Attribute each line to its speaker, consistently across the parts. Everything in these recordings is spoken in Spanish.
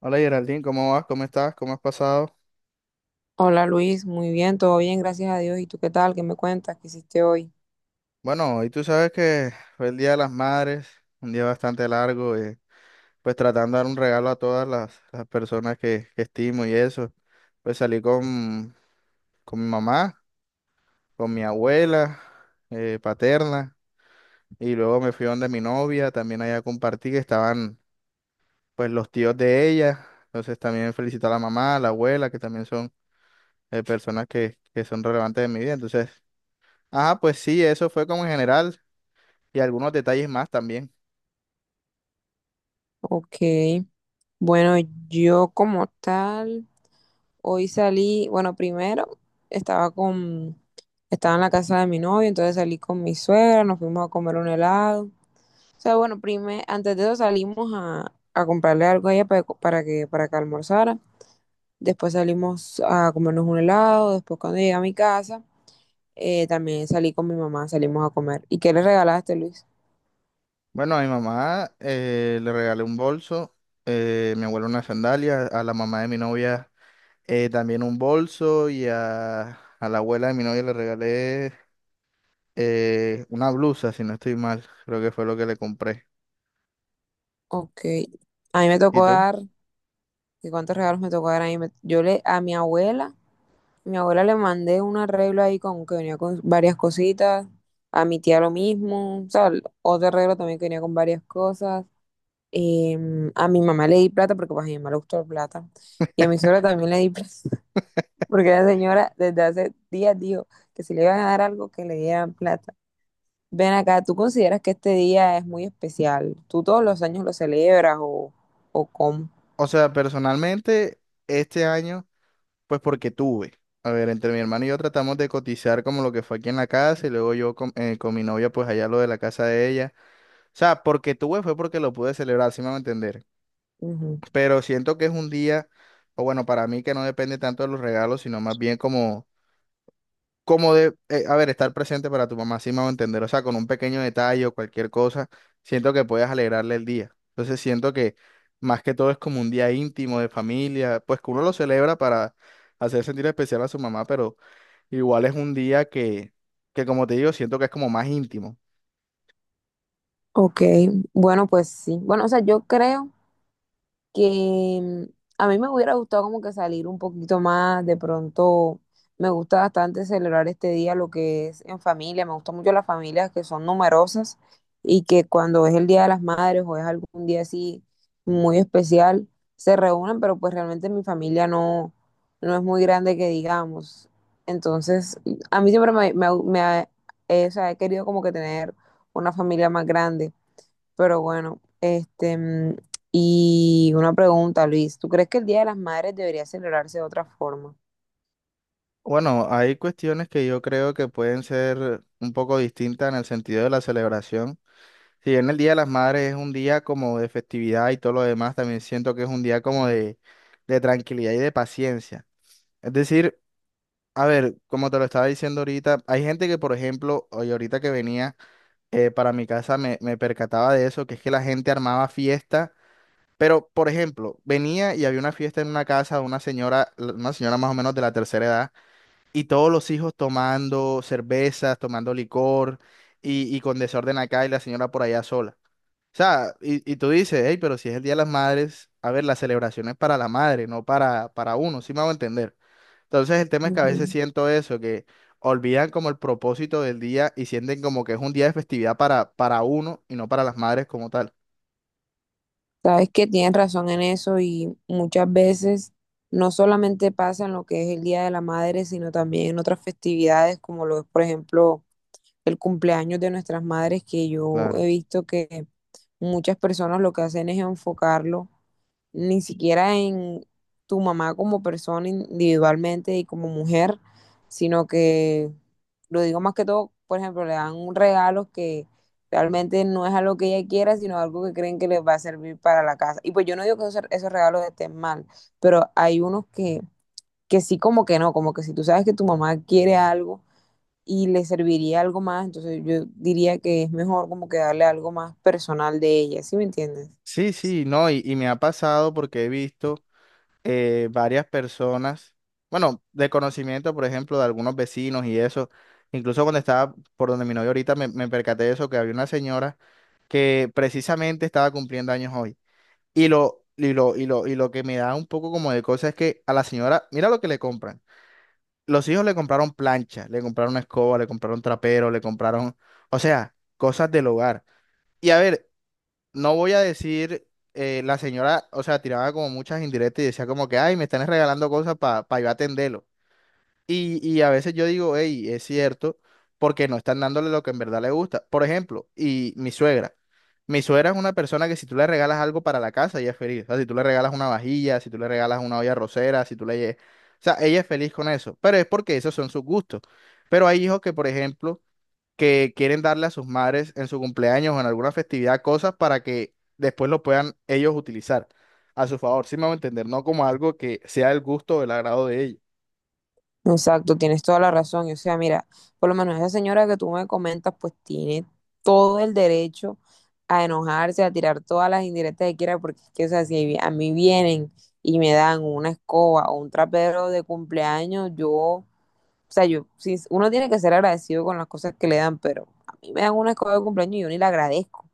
Speaker 1: Hola Geraldine, ¿cómo vas? ¿Cómo estás? ¿Cómo has pasado?
Speaker 2: Hola Luis, muy bien, todo bien, gracias a Dios. ¿Y tú qué tal? ¿Qué me cuentas? ¿Qué hiciste hoy?
Speaker 1: Bueno, hoy tú sabes que fue el Día de las Madres, un día bastante largo, pues tratando de dar un regalo a todas las personas que estimo y eso. Pues salí con mi mamá, con mi abuela paterna, y luego me fui donde mi novia, también allá compartí que estaban pues los tíos de ella, entonces también felicito a la mamá, a la abuela, que también son personas que son relevantes en mi vida, entonces... Ajá, pues sí, eso fue como en general, y algunos detalles más también.
Speaker 2: Ok, bueno, yo como tal, hoy salí, bueno, primero estaba con, estaba en la casa de mi novio, entonces salí con mi suegra, nos fuimos a comer un helado. O sea, bueno, primero, antes de eso salimos a comprarle algo a ella para que almorzara. Después salimos a comernos un helado, después cuando llegué a mi casa, también salí con mi mamá, salimos a comer. ¿Y qué le regalaste, Luis?
Speaker 1: Bueno, a mi mamá le regalé un bolso, mi abuelo una sandalia, a la mamá de mi novia también un bolso a la abuela de mi novia le regalé una blusa, si no estoy mal, creo que fue lo que le compré.
Speaker 2: Ok. A mí me
Speaker 1: ¿Y
Speaker 2: tocó
Speaker 1: tú?
Speaker 2: dar, ¿Y cuántos regalos me tocó dar? A mi abuela le mandé un arreglo ahí con que venía con varias cositas, a mi tía lo mismo, o sea, otro arreglo también que venía con varias cosas. A mi mamá le di plata porque pues, a mi mamá le gustó la plata. Y a mi suegra también le di plata, porque la señora desde hace días dijo que si le iban a dar algo, que le dieran plata. Ven acá, ¿tú consideras que este día es muy especial? ¿Tú todos los años lo celebras o cómo?
Speaker 1: O sea, personalmente, este año, pues porque tuve. A ver, entre mi hermano y yo tratamos de cotizar como lo que fue aquí en la casa y luego yo con mi novia, pues allá lo de la casa de ella. O sea, porque tuve fue porque lo pude celebrar, si me van a entender. Pero siento que es un día, o bueno, para mí que no depende tanto de los regalos, sino más bien como, a ver, estar presente para tu mamá, sí me a entender, o sea, con un pequeño detalle o cualquier cosa, siento que puedes alegrarle el día. Entonces siento que más que todo es como un día íntimo de familia, pues que uno lo celebra para hacer sentir especial a su mamá, pero igual es un día que como te digo, siento que es como más íntimo.
Speaker 2: Ok, bueno, pues sí. Bueno, o sea, yo creo que a mí me hubiera gustado como que salir un poquito más, de pronto me gusta bastante celebrar este día, lo que es en familia, me gustan mucho las familias que son numerosas y que cuando es el Día de las Madres o es algún día así muy especial, se reúnen, pero pues realmente mi familia no, no es muy grande que digamos. Entonces, a mí siempre o sea, he querido como que tener una familia más grande. Pero bueno, y una pregunta, Luis, ¿tú crees que el Día de las Madres debería celebrarse de otra forma?
Speaker 1: Bueno, hay cuestiones que yo creo que pueden ser un poco distintas en el sentido de la celebración. Si bien el Día de las Madres es un día como de festividad y todo lo demás, también siento que es un día como de tranquilidad y de paciencia. Es decir, a ver, como te lo estaba diciendo ahorita, hay gente que, por ejemplo, hoy ahorita que venía para mi casa me percataba de eso, que es que la gente armaba fiesta, pero, por ejemplo, venía y había una fiesta en una casa de una señora, una señora más o menos de la tercera edad, y todos los hijos tomando cervezas, tomando licor y con desorden acá y la señora por allá sola. O sea, y tú dices, hey, pero si es el Día de las Madres, a ver, la celebración es para la madre, no para uno, sí me hago entender. Entonces el tema es que a veces
Speaker 2: Ujú.
Speaker 1: siento eso, que olvidan como el propósito del día y sienten como que es un día de festividad para uno y no para las madres como tal.
Speaker 2: Sabes que tienes razón en eso y muchas veces no solamente pasa en lo que es el Día de la Madre, sino también en otras festividades como lo es, por ejemplo, el cumpleaños de nuestras madres, que yo
Speaker 1: Claro.
Speaker 2: he visto que muchas personas lo que hacen es enfocarlo ni siquiera en tu mamá como persona individualmente y como mujer, sino que lo digo más que todo, por ejemplo, le dan un regalo que realmente no es algo que ella quiera, sino algo que creen que les va a servir para la casa. Y pues yo no digo que esos regalos estén mal, pero hay unos que sí como que no, como que si tú sabes que tu mamá quiere algo, y le serviría algo más, entonces yo diría que es mejor como que darle algo más personal de ella, ¿sí me entiendes?
Speaker 1: Sí, sí, no, y me ha pasado porque he visto varias personas, bueno, de conocimiento, por ejemplo, de algunos vecinos y eso, incluso cuando estaba por donde mi novio ahorita me percaté de eso, que había una señora que precisamente estaba cumpliendo años hoy. Y lo que me da un poco como de cosa es que a la señora, mira lo que le compran. Los hijos le compraron plancha, le compraron escoba, le compraron trapero, le compraron, o sea, cosas del hogar. Y a ver, no voy a decir, la señora, o sea, tiraba como muchas indirectas y decía como que, ay, me están regalando cosas para yo atenderlo. Y a veces yo digo, hey, es cierto, porque no están dándole lo que en verdad le gusta. Por ejemplo, y mi suegra. Mi suegra es una persona que si tú le regalas algo para la casa, ella es feliz. O sea, si tú le regalas una vajilla, si tú le regalas una olla rosera, si tú le... lle- O sea, ella es feliz con eso. Pero es porque esos son sus gustos. Pero hay hijos que, por ejemplo, que quieren darle a sus madres en su cumpleaños o en alguna festividad cosas para que después lo puedan ellos utilizar a su favor. Sí me a entender, no como algo que sea el gusto o el agrado de ellos.
Speaker 2: Exacto, tienes toda la razón. O sea, mira, por lo menos esa señora que tú me comentas, pues tiene todo el derecho a enojarse, a tirar todas las indirectas que quiera, porque es que, o sea, si vi- a mí vienen y me dan una escoba o un trapero de cumpleaños, o sea, yo, sí, uno tiene que ser agradecido con las cosas que le dan, pero a mí me dan una escoba de cumpleaños y yo ni la agradezco.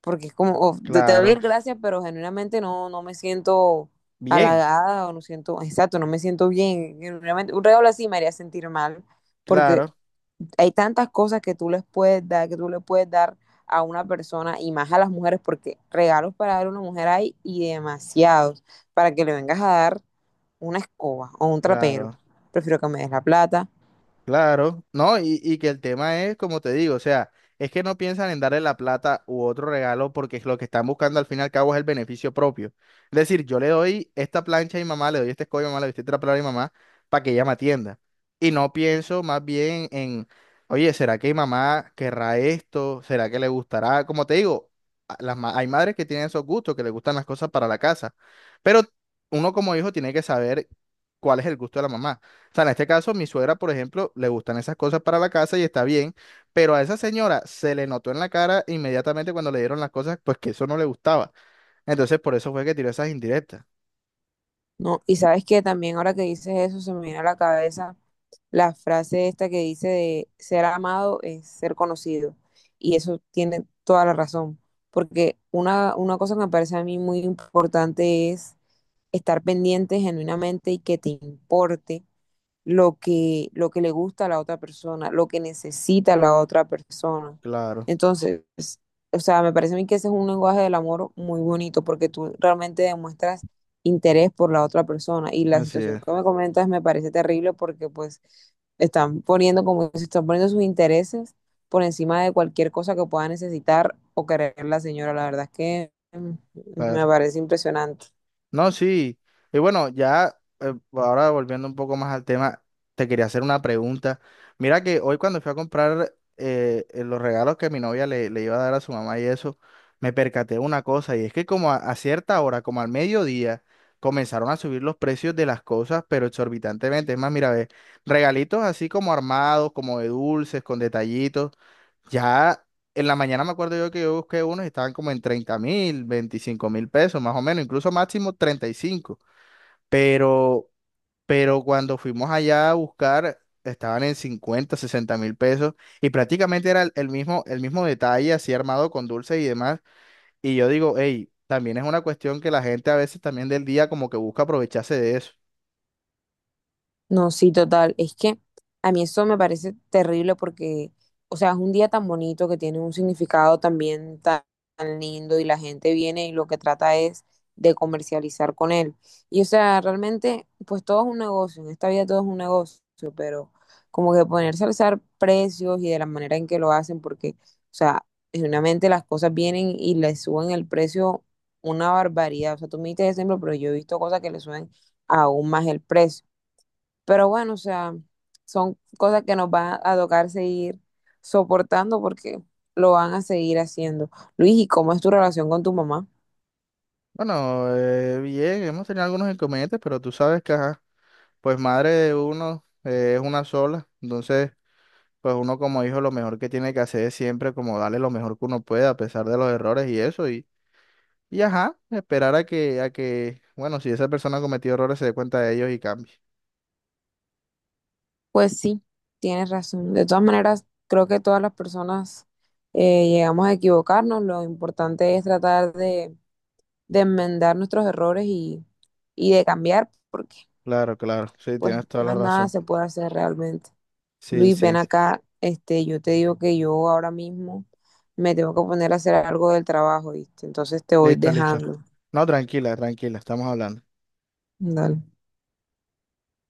Speaker 2: Porque es como, oh, te doy las
Speaker 1: Claro.
Speaker 2: gracias, pero genuinamente no, no me siento
Speaker 1: Bien,
Speaker 2: halagada o no siento, exacto, no me siento bien. Genuinamente, un regalo así me haría sentir mal, porque
Speaker 1: claro,
Speaker 2: hay tantas cosas que tú les puedes dar, que tú le puedes dar a una persona y más a las mujeres, porque regalos para dar a una mujer hay y demasiados, para que le vengas a dar una escoba o un trapero.
Speaker 1: claro.
Speaker 2: Prefiero que me des la plata.
Speaker 1: Claro, no, y que el tema es, como te digo, o sea, es que no piensan en darle la plata u otro regalo porque es lo que están buscando al fin y al cabo es el beneficio propio. Es decir, yo le doy esta plancha a mi mamá, le doy este escollo a mi mamá, le doy este trapeador a mi mamá para que ella me atienda. Y no pienso más bien en, oye, ¿será que mi mamá querrá esto? ¿Será que le gustará? Como te digo, hay madres que tienen esos gustos, que les gustan las cosas para la casa, pero uno como hijo tiene que saber cuál es el gusto de la mamá. O sea, en este caso, mi suegra, por ejemplo, le gustan esas cosas para la casa y está bien, pero a esa señora se le notó en la cara inmediatamente cuando le dieron las cosas, pues que eso no le gustaba. Entonces, por eso fue que tiró esas indirectas.
Speaker 2: No, y sabes que también ahora que dices eso se me viene a la cabeza la frase esta que dice de ser amado es ser conocido. Y eso tiene toda la razón, porque una cosa que me parece a mí muy importante es estar pendiente genuinamente y que te importe lo que le gusta a la otra persona, lo que necesita la otra persona.
Speaker 1: Claro,
Speaker 2: Entonces, o sea, me parece a mí que ese es un lenguaje del amor muy bonito porque tú realmente demuestras interés por la otra persona y la
Speaker 1: así
Speaker 2: situación
Speaker 1: es.
Speaker 2: que me comentas me parece terrible porque pues están poniendo como se están poniendo sus intereses por encima de cualquier cosa que pueda necesitar o querer la señora. La verdad es que me
Speaker 1: Claro.
Speaker 2: parece impresionante.
Speaker 1: No, sí. Y bueno, ya ahora volviendo un poco más al tema, te quería hacer una pregunta. Mira que hoy cuando fui a comprar los regalos que mi novia le iba a dar a su mamá y eso, me percaté de una cosa y es que como a cierta hora, como al mediodía, comenzaron a subir los precios de las cosas, pero exorbitantemente. Es más, mira, ve, regalitos así como armados, como de dulces, con detallitos. Ya en la mañana me acuerdo yo que yo busqué unos y estaban como en 30.000, 25.000 pesos, más o menos, incluso máximo 35. Pero, pero cuando fuimos allá a buscar, estaban en 50.000, 60.000 pesos y prácticamente era el mismo, el mismo detalle, así armado con dulces y demás. Y yo digo, hey, también es una cuestión que la gente a veces también del día como que busca aprovecharse de eso.
Speaker 2: No, sí, total. Es que a mí eso me parece terrible porque, o sea, es un día tan bonito que tiene un significado también tan lindo y la gente viene y lo que trata es de comercializar con él. Y, o sea, realmente, pues todo es un negocio, en esta vida todo es un negocio, pero como que ponerse a alzar precios y de la manera en que lo hacen, porque, o sea, genuinamente las cosas vienen y le suben el precio una barbaridad. O sea, tú me diste ese ejemplo, pero yo he visto cosas que le suben aún más el precio. Pero bueno, o sea, son cosas que nos van a tocar seguir soportando porque lo van a seguir haciendo. Luis, ¿y cómo es tu relación con tu mamá?
Speaker 1: Bueno, bien, hemos tenido algunos inconvenientes, pero tú sabes que, ajá, pues madre de uno es una sola, entonces pues uno como hijo lo mejor que tiene que hacer es siempre como darle lo mejor que uno puede a pesar de los errores y eso y ajá, esperar a bueno, si esa persona ha cometido errores se dé cuenta de ellos y cambie.
Speaker 2: Pues sí, tienes razón. De todas maneras, creo que todas las personas llegamos a equivocarnos. Lo importante es tratar de enmendar nuestros errores y de cambiar, porque
Speaker 1: Claro, claro, sí,
Speaker 2: pues
Speaker 1: tienes toda la
Speaker 2: más nada
Speaker 1: razón.
Speaker 2: se puede hacer realmente.
Speaker 1: Sí,
Speaker 2: Luis, ven
Speaker 1: sí,
Speaker 2: acá, este, yo te digo que yo ahora mismo me tengo que poner a hacer algo del trabajo, ¿viste? Entonces te voy
Speaker 1: listo, listo.
Speaker 2: dejando.
Speaker 1: No, tranquila, tranquila, estamos hablando.
Speaker 2: Dale.